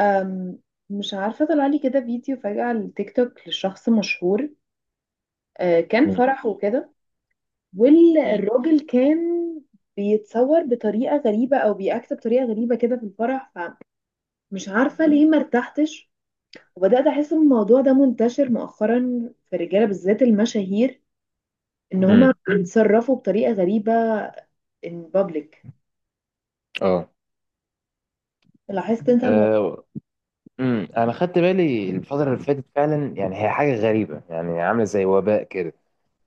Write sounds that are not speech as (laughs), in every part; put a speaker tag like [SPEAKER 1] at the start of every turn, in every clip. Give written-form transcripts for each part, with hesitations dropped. [SPEAKER 1] أم، مش عارفة طلع لي كده فيديو فجأة على التيك توك لشخص مشهور. كان
[SPEAKER 2] مم.
[SPEAKER 1] فرح وكده،
[SPEAKER 2] مم.
[SPEAKER 1] والراجل كان بيتصور بطريقة غريبة أو بيأكت بطريقة غريبة كده في الفرح. فمش عارفة ليه مرتحتش، وبدأت أحس إن الموضوع ده منتشر مؤخرا في الرجالة بالذات المشاهير، إن
[SPEAKER 2] مم.
[SPEAKER 1] هما بيتصرفوا بطريقة غريبة in public.
[SPEAKER 2] اه.
[SPEAKER 1] لاحظت أنت الموضوع؟
[SPEAKER 2] آه، انا خدت بالي الفتره اللي فاتت فعلا، يعني هي حاجه غريبه، يعني عامله زي وباء كده،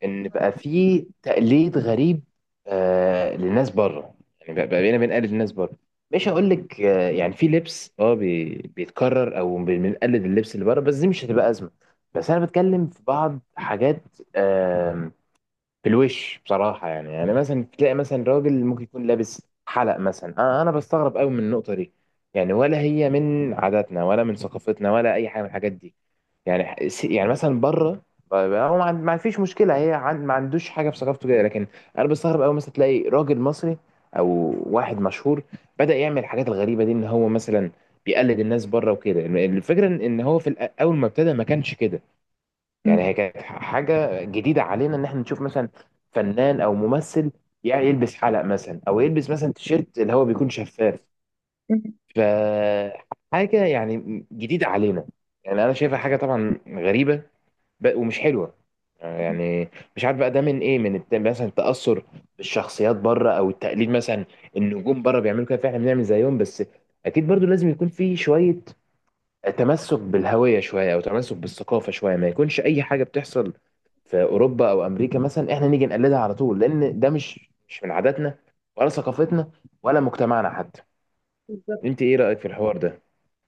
[SPEAKER 2] ان بقى في تقليد غريب للناس بره. يعني بقى بقى بقينا بنقلد الناس بره. مش هقول لك آه، يعني في لبس بيتكرر او بنقلد اللبس اللي بره، بس دي مش هتبقى ازمه. بس انا بتكلم في بعض حاجات في الوش بصراحة، يعني يعني مثلا تلاقي مثلا راجل ممكن يكون لابس حلق مثلا، أنا بستغرب قوي من النقطة دي. يعني ولا هي من عاداتنا ولا من ثقافتنا ولا أي حاجة من الحاجات دي. يعني يعني مثلا بره، هو ما فيش مشكلة، هي ما عندوش حاجة في ثقافته كده، لكن أنا بستغرب قوي مثلا تلاقي راجل مصري أو واحد مشهور بدأ يعمل الحاجات الغريبة دي، إن هو مثلا بيقلد الناس بره وكده. الفكرة إن هو في أول ما ابتدى ما كانش كده.
[SPEAKER 1] م-
[SPEAKER 2] يعني هي كانت حاجة جديدة علينا، إن إحنا نشوف مثلا فنان أو ممثل يعني يلبس حلق مثلا، أو يلبس مثلا تيشيرت اللي هو بيكون شفاف.
[SPEAKER 1] م-
[SPEAKER 2] فحاجة يعني جديدة علينا، يعني أنا شايفها حاجة طبعا غريبة ومش حلوة
[SPEAKER 1] م.
[SPEAKER 2] يعني. مش عارف بقى ده من إيه، من مثلا التأثر بالشخصيات بره أو التقليد مثلا، النجوم بره بيعملوا كده فإحنا بنعمل زيهم بس. أكيد برضو لازم يكون في شوية تمسك بالهوية شوية، أو تمسك بالثقافة شوية، ما يكونش أي حاجة بتحصل في اوروبا او امريكا مثلا احنا نيجي نقلدها على طول، لان ده مش من عاداتنا ولا ثقافتنا ولا مجتمعنا حتى.
[SPEAKER 1] بالظبط.
[SPEAKER 2] انت ايه رايك في الحوار ده؟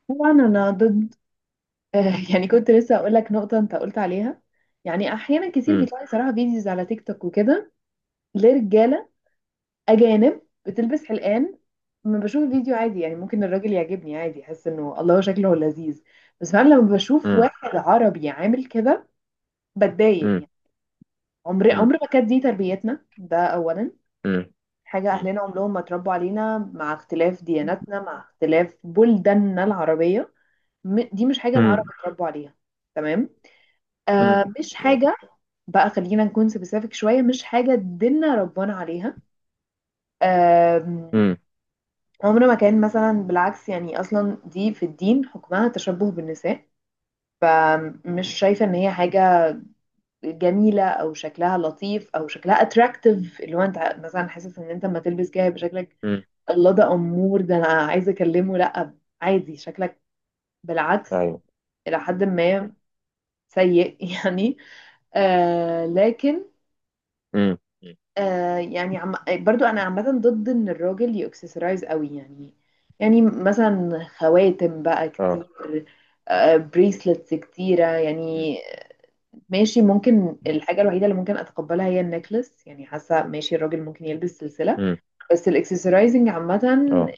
[SPEAKER 1] طبعا أنا ضد. (laughs) آه، يعني كنت لسه اقول لك نقطه انت قلت عليها. يعني احيانا كتير
[SPEAKER 2] امم.
[SPEAKER 1] بيطلع لي صراحه فيديوز على تيك توك وكده، لرجاله اجانب بتلبس حلقان. لما بشوف الفيديو عادي، يعني ممكن الراجل يعجبني عادي، احس انه الله شكله لذيذ. بس فعلا لما بشوف
[SPEAKER 2] امم.
[SPEAKER 1] واحد عربي عامل كده بتضايق
[SPEAKER 2] امم.
[SPEAKER 1] يعني. عمر ما كانت دي تربيتنا، ده اولا.
[SPEAKER 2] امم.
[SPEAKER 1] حاجه
[SPEAKER 2] امم.
[SPEAKER 1] اهلنا عمرهم ما اتربوا علينا، مع اختلاف دياناتنا، مع اختلاف بلداننا العربيه. دي مش حاجه العرب
[SPEAKER 2] امم.
[SPEAKER 1] اتربوا عليها. تمام.
[SPEAKER 2] امم.
[SPEAKER 1] آه، مش
[SPEAKER 2] اه.
[SPEAKER 1] حاجه. بقى خلينا نكون سبيسيفيك شوية، مش حاجة دينا ربنا عليها. آم،
[SPEAKER 2] امم.
[SPEAKER 1] عمره ما كان مثلا، بالعكس. يعني أصلا دي في الدين حكمها تشبه بالنساء. فمش شايفة إن هي حاجة جميلة أو شكلها لطيف أو شكلها أتراكتيف، اللي هو أنت مثلا حاسس إن أنت لما تلبس كده يبقى شكلك
[SPEAKER 2] امم.
[SPEAKER 1] الله، ده أمور. ده أنا عايزة أكلمه، لأ، عادي شكلك، بالعكس،
[SPEAKER 2] ايوه.
[SPEAKER 1] إلى حد ما سيء (laughs) يعني. لكن،
[SPEAKER 2] امم.
[SPEAKER 1] يعني برضو انا عامه ضد ان الراجل يأكسسرايز قوي يعني. يعني مثلا خواتم بقى كتير،
[SPEAKER 2] اه.
[SPEAKER 1] بريسلتس كتيره
[SPEAKER 2] امم.
[SPEAKER 1] يعني. ماشي، ممكن الحاجه الوحيده اللي ممكن اتقبلها هي النكلس، يعني حاسه ماشي الراجل ممكن يلبس سلسله. بس الاكسسرايزنج عامه،
[SPEAKER 2] اه.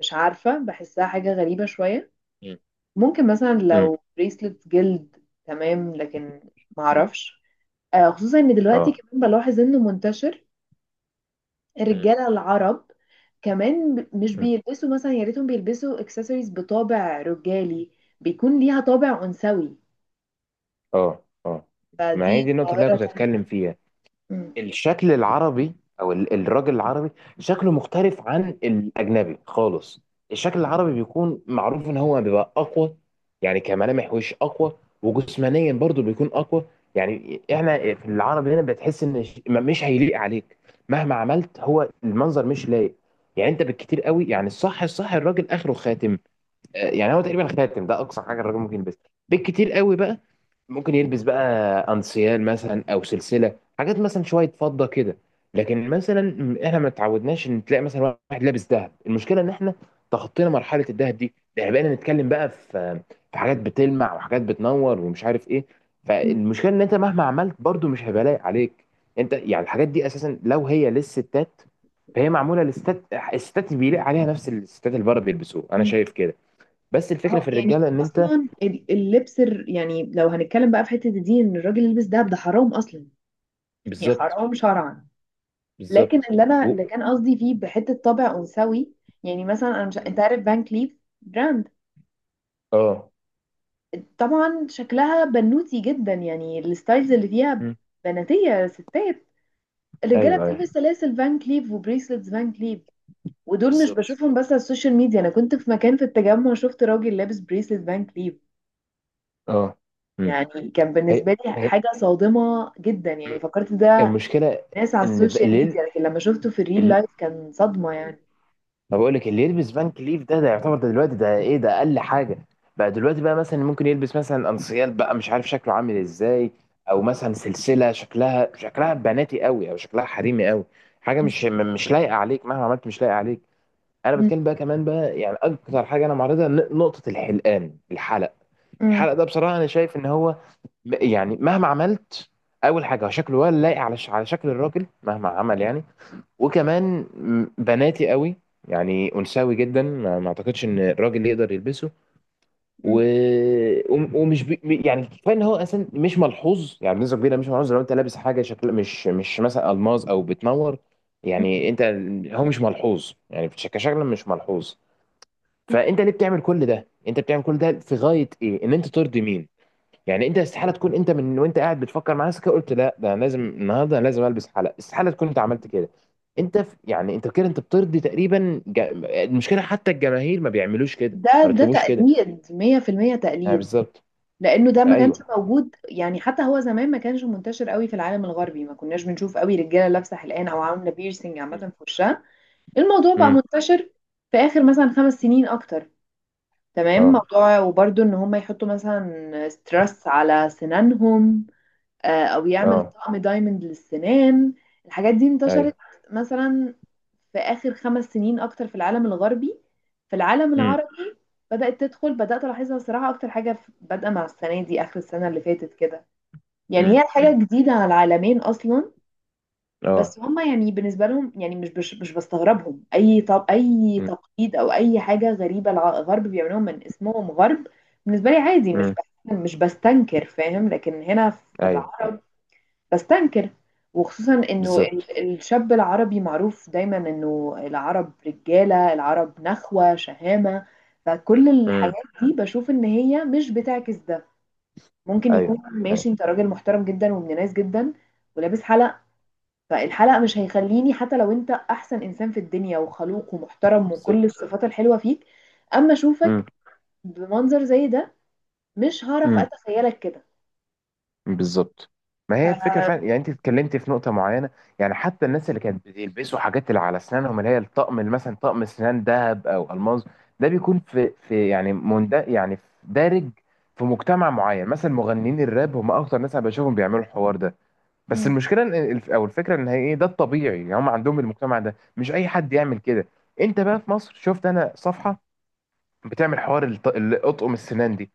[SPEAKER 1] مش عارفه، بحسها حاجه غريبه شويه.
[SPEAKER 2] امم.
[SPEAKER 1] ممكن مثلا لو بريسلتس جلد تمام، لكن معرفش. خصوصا ان دلوقتي
[SPEAKER 2] اه.
[SPEAKER 1] كمان بلاحظ انه منتشر
[SPEAKER 2] امم.
[SPEAKER 1] الرجاله العرب كمان. مش بيلبسوا مثلا، يا ريتهم بيلبسوا اكسسوارز بطابع رجالي، بيكون ليها طابع انثوي.
[SPEAKER 2] اه. اه. ما هي
[SPEAKER 1] فدي
[SPEAKER 2] دي النقطه اللي انا
[SPEAKER 1] ظاهره
[SPEAKER 2] كنت
[SPEAKER 1] تانية.
[SPEAKER 2] هتكلم فيها.
[SPEAKER 1] مم.
[SPEAKER 2] الشكل العربي او الراجل العربي شكله مختلف عن الاجنبي خالص. الشكل العربي بيكون معروف ان هو بيبقى اقوى، يعني كملامح وش اقوى، وجسمانيا برضو بيكون اقوى. يعني احنا في العرب هنا بتحس ان مش هيليق عليك مهما عملت، هو المنظر مش لايق. يعني انت بالكتير قوي، يعني الصح الراجل اخره خاتم. آه، يعني هو تقريبا خاتم ده اقصى حاجه الراجل ممكن يلبسها، بالكتير قوي بقى. ممكن يلبس بقى انسيال مثلا او سلسله، حاجات مثلا شويه فضه كده. لكن مثلا احنا ما اتعودناش ان تلاقي مثلا واحد لابس ذهب. المشكله ان احنا تخطينا مرحله الذهب دي، ده احنا بقينا نتكلم بقى في حاجات بتلمع وحاجات بتنور ومش عارف ايه.
[SPEAKER 1] مم.
[SPEAKER 2] فالمشكله ان انت مهما عملت برضو مش هيبقى لايق عليك. انت يعني الحاجات دي اساسا لو هي للستات فهي معموله للستات. الستات بيليق عليها نفس الستات اللي بره بيلبسوه، انا
[SPEAKER 1] مم.
[SPEAKER 2] شايف كده. بس
[SPEAKER 1] ما
[SPEAKER 2] الفكره
[SPEAKER 1] هو
[SPEAKER 2] في
[SPEAKER 1] يعني
[SPEAKER 2] الرجاله ان انت.
[SPEAKER 1] اصلا اللبس يعني لو هنتكلم بقى في حته دي، ان الراجل يلبس دهب ده حرام اصلا. يعني
[SPEAKER 2] بالظبط.
[SPEAKER 1] حرام شرعا. لكن
[SPEAKER 2] بالظبط.
[SPEAKER 1] اللي انا
[SPEAKER 2] و-
[SPEAKER 1] اللي كان قصدي فيه بحته طابع انثوي. يعني مثلا انا، مش انت عارف فان كليف براند؟
[SPEAKER 2] اه.
[SPEAKER 1] طبعا شكلها بنوتي جدا، يعني الستايلز اللي فيها
[SPEAKER 2] مم.
[SPEAKER 1] بناتية ستات. الرجالة
[SPEAKER 2] ايوه.
[SPEAKER 1] بتلبس
[SPEAKER 2] ايوه.
[SPEAKER 1] سلاسل فان كليف وبريسلتس فان كليف. ودول مش
[SPEAKER 2] بالظبط.
[SPEAKER 1] بشوفهم بس على السوشيال ميديا، انا كنت في مكان في التجمع شفت راجل لابس بريسلت فان كليف.
[SPEAKER 2] اه. مم.
[SPEAKER 1] يعني كان
[SPEAKER 2] هي.
[SPEAKER 1] بالنسبة لي
[SPEAKER 2] هي.
[SPEAKER 1] حاجة صادمة جدا، يعني
[SPEAKER 2] مم.
[SPEAKER 1] فكرت ده
[SPEAKER 2] المشكله
[SPEAKER 1] ناس على
[SPEAKER 2] ان
[SPEAKER 1] السوشيال ميديا، لكن لما شفته في الريل
[SPEAKER 2] ال-
[SPEAKER 1] لايف كان صدمة يعني.
[SPEAKER 2] ما بقول لك، اللي يلبس فان كليف ده، ده يعتبر ده دلوقتي ده ايه، ده اقل حاجه بقى دلوقتي بقى. مثلا ممكن يلبس مثلا انسيال بقى، مش عارف شكله عامل ازاي، او مثلا سلسله شكلها بناتي قوي او شكلها حريمي قوي. حاجه
[SPEAKER 1] مم.
[SPEAKER 2] مش لايقه عليك مهما عملت، مش لايقه عليك. انا بتكلم بقى كمان بقى يعني اكتر حاجه انا معرضها، نقطه الحلقان، الحلق.
[SPEAKER 1] مم.
[SPEAKER 2] الحلق ده بصراحه انا شايف ان هو يعني مهما عملت. اول حاجه شكله ولا لايق على شكل الراجل مهما عمل يعني. وكمان بناتي قوي، يعني انثوي جدا، ما اعتقدش ان الراجل يقدر يلبسه. و...
[SPEAKER 1] مم.
[SPEAKER 2] وم- ومش بي... م- يعني كفايه ان هو اصلا مش ملحوظ، يعني بنسبه كبيره مش ملحوظ لو انت لابس حاجه شكل مش مثلا الماظ او بتنور.
[SPEAKER 1] مم.
[SPEAKER 2] يعني انت، هو مش ملحوظ يعني كشكل مش ملحوظ. فانت ليه بتعمل كل ده؟ انت بتعمل كل ده في غايه ايه؟ ان انت ترضي مين؟ يعني انت استحاله تكون انت من وانت قاعد بتفكر مع نفسك كده، قلت لا ده انا لازم النهارده انا لازم البس حلق. استحاله تكون انت عملت كده. انت في يعني انت كده انت بترضي تقريبا المشكله حتى الجماهير ما بيعملوش كده،
[SPEAKER 1] ده
[SPEAKER 2] ما
[SPEAKER 1] ده
[SPEAKER 2] بيطلبوش كده.
[SPEAKER 1] تقليد 100%
[SPEAKER 2] اه
[SPEAKER 1] تقليد.
[SPEAKER 2] بالظبط.
[SPEAKER 1] لانه ده ما كانش
[SPEAKER 2] ايوه.
[SPEAKER 1] موجود، يعني حتى هو زمان ما كانش منتشر قوي في العالم الغربي، ما كناش بنشوف قوي رجاله لابسه حلقان او عامله بيرسينج عامه
[SPEAKER 2] مم.
[SPEAKER 1] في وشها. الموضوع بقى
[SPEAKER 2] امم.
[SPEAKER 1] منتشر في اخر مثلا خمس
[SPEAKER 2] مم.
[SPEAKER 1] سنين اكتر. تمام،
[SPEAKER 2] اه.
[SPEAKER 1] موضوع وبرده ان هم يحطوا مثلا ستريس على سنانهم، او يعمل
[SPEAKER 2] اه.
[SPEAKER 1] طقم دايموند للسنان. الحاجات دي انتشرت
[SPEAKER 2] ايوه.
[SPEAKER 1] مثلا في اخر 5 سنين اكتر في العالم الغربي. في العالم
[SPEAKER 2] مم.
[SPEAKER 1] العربي بدأت تدخل، بدأت ألاحظها صراحة أكتر حاجة، بادئة مع السنة دي، آخر السنة اللي فاتت كده. يعني
[SPEAKER 2] مم.
[SPEAKER 1] هي
[SPEAKER 2] مم.
[SPEAKER 1] حاجة جديدة على العالمين أصلا.
[SPEAKER 2] اه.
[SPEAKER 1] بس هما يعني بالنسبة لهم، يعني مش بستغربهم أي طب أي تقليد أو أي حاجة غريبة الغرب بيعملوها من اسمهم غرب. بالنسبة لي عادي،
[SPEAKER 2] امم.
[SPEAKER 1] مش بستنكر فاهم، لكن هنا في
[SPEAKER 2] ايوه.
[SPEAKER 1] العرب بستنكر. وخصوصا انه
[SPEAKER 2] بالظبط.
[SPEAKER 1] الشاب العربي معروف دايما انه العرب، رجالة العرب نخوة شهامة. فكل
[SPEAKER 2] امم.
[SPEAKER 1] الحاجات دي بشوف ان هي مش بتعكس ده. ممكن يكون
[SPEAKER 2] ايوه.
[SPEAKER 1] ماشي،
[SPEAKER 2] ايوه.
[SPEAKER 1] انت راجل محترم جدا وابن ناس جدا ولابس حلق. فالحلق مش هيخليني، حتى لو انت احسن انسان في الدنيا وخلوق ومحترم وكل
[SPEAKER 2] بالظبط.
[SPEAKER 1] الصفات الحلوة فيك، اما اشوفك بمنظر زي ده مش هعرف
[SPEAKER 2] امم.
[SPEAKER 1] اتخيلك كده.
[SPEAKER 2] بالظبط. ما
[SPEAKER 1] ف...
[SPEAKER 2] هي الفكره فعلا، يعني انت اتكلمتي في نقطه معينه. يعني حتى الناس اللي كانت بيلبسوا حاجات اللي على اسنانهم، اللي هي الطقم، اللي مثلا طقم اسنان ذهب او الماظ. ده بيكون في يعني مند، يعني في دارج في مجتمع معين. مثلا مغنيين الراب هم اكتر ناس انا بشوفهم بيعملوا الحوار ده. بس
[SPEAKER 1] م-
[SPEAKER 2] المشكله إن او الفكره ان هي ايه، ده الطبيعي. يعني هم عندهم المجتمع ده، مش اي حد يعمل كده. انت بقى في مصر شفت انا صفحه بتعمل حوار الاطقم السنان دي،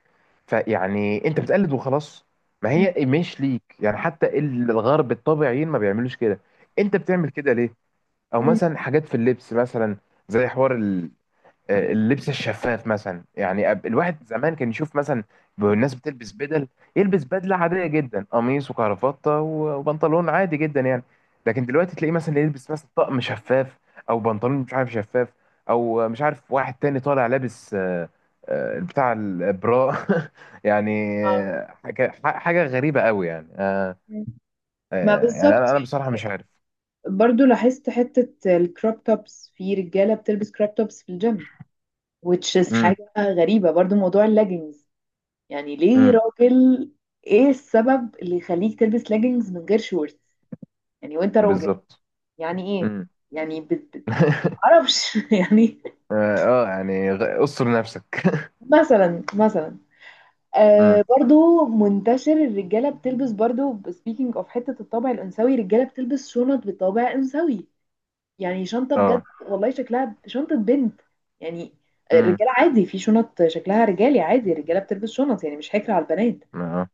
[SPEAKER 2] فيعني انت بتقلد وخلاص، ما
[SPEAKER 1] م-
[SPEAKER 2] هي مش ليك. يعني حتى الغرب الطبيعيين ما بيعملوش كده، انت بتعمل كده ليه؟ او
[SPEAKER 1] م-
[SPEAKER 2] مثلا حاجات في اللبس مثلا، زي حوار آه، اللبس الشفاف مثلا يعني. الواحد زمان كان يشوف مثلا الناس بتلبس بدل، يلبس بدلة عادية جدا قميص وكرافتة وبنطلون عادي جدا يعني. لكن دلوقتي تلاقيه مثلا يلبس مثلا طقم شفاف، او بنطلون مش عارف شفاف، او مش عارف واحد تاني طالع لابس آه، آه، بتاع البراء. (laughs) يعني
[SPEAKER 1] آه.
[SPEAKER 2] آه، حاجة غريبة قوي يعني آه،
[SPEAKER 1] ما
[SPEAKER 2] آه، يعني
[SPEAKER 1] بالظبط،
[SPEAKER 2] انا بصراحة مش عارف.
[SPEAKER 1] برضو لاحظت حتة الكروب توبس، في رجالة بتلبس كروب توبس في الجيم which is
[SPEAKER 2] امم.
[SPEAKER 1] حاجة غريبة. برضو موضوع اللاجينز، يعني ليه
[SPEAKER 2] امم.
[SPEAKER 1] راجل؟ ايه السبب اللي يخليك تلبس لاجينز من غير شورت، يعني وانت راجل؟
[SPEAKER 2] بالظبط.
[SPEAKER 1] يعني ايه؟
[SPEAKER 2] امم.
[SPEAKER 1] يعني بت... بت-
[SPEAKER 2] (laughs)
[SPEAKER 1] معرفش (laughs) يعني.
[SPEAKER 2] اه. آه، يعني استر نفسك.
[SPEAKER 1] مثلا،
[SPEAKER 2] امم.
[SPEAKER 1] برضو منتشر الرجالة بتلبس، برضو speaking of حتة الطابع الأنثوي، الرجالة بتلبس شنط بطابع أنثوي. يعني شنطة بجد
[SPEAKER 2] اه.
[SPEAKER 1] والله شكلها شنطة بنت يعني.
[SPEAKER 2] امم.
[SPEAKER 1] الرجالة عادي في شنط شكلها رجالي عادي، الرجالة بتلبس شنط يعني مش حكر على البنات،
[SPEAKER 2] اه.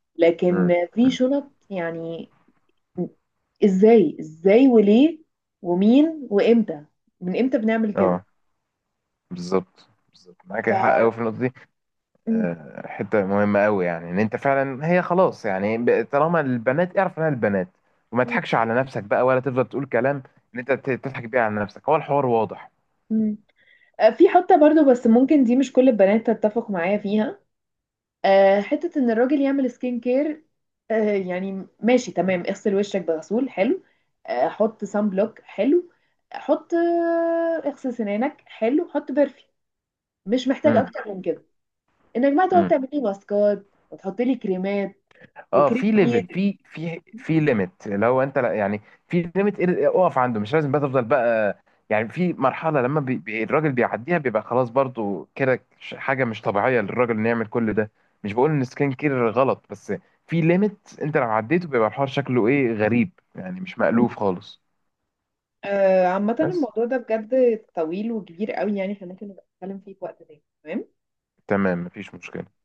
[SPEAKER 2] امم.
[SPEAKER 1] لكن في شنط يعني ازاي ازاي وليه؟ ومين وامتى؟ من امتى بنعمل كده؟
[SPEAKER 2] اه. بالظبط. بالظبط معاك
[SPEAKER 1] ف
[SPEAKER 2] حق قوي في النقطه دي.
[SPEAKER 1] م-
[SPEAKER 2] آه، حته مهمه قوي، يعني ان انت فعلا. هي خلاص يعني طالما البنات اعرف انها البنات، وما
[SPEAKER 1] م-
[SPEAKER 2] تضحكش على نفسك بقى، ولا تفضل تقول كلام ان انت تضحك بيه على نفسك، هو الحوار واضح.
[SPEAKER 1] م. في حتة برضو، بس ممكن دي مش كل البنات تتفق معايا فيها، حتة ان الراجل يعمل سكين كير. يعني ماشي تمام، اغسل وشك بغسول حلو، حط سان بلوك حلو، حط اغسل سنانك حلو، حط برفيوم. مش محتاج
[SPEAKER 2] امم.
[SPEAKER 1] اكتر من كده، انك بقى تقعد تعملي ماسكات وتحطي لي كريمات
[SPEAKER 2] اه.
[SPEAKER 1] وكريم
[SPEAKER 2] في ليفل،
[SPEAKER 1] ايد.
[SPEAKER 2] في ليميت لو انت لا يعني. في ليميت اقف عنده، مش لازم بقى تفضل بقى. يعني في مرحله لما الراجل بيعديها بيبقى خلاص برضو كده، حاجه مش طبيعيه للراجل انه يعمل كل ده. مش بقول ان سكين كير غلط، بس في ليميت انت لو عديته بيبقى الحوار شكله ايه، غريب يعني، مش مألوف خالص.
[SPEAKER 1] عامة
[SPEAKER 2] بس.
[SPEAKER 1] الموضوع ده بجد طويل وكبير قوي، يعني احنا ممكن نبقى نتكلم فيه في وقت تاني، تمام.
[SPEAKER 2] تمام، مفيش مشكله.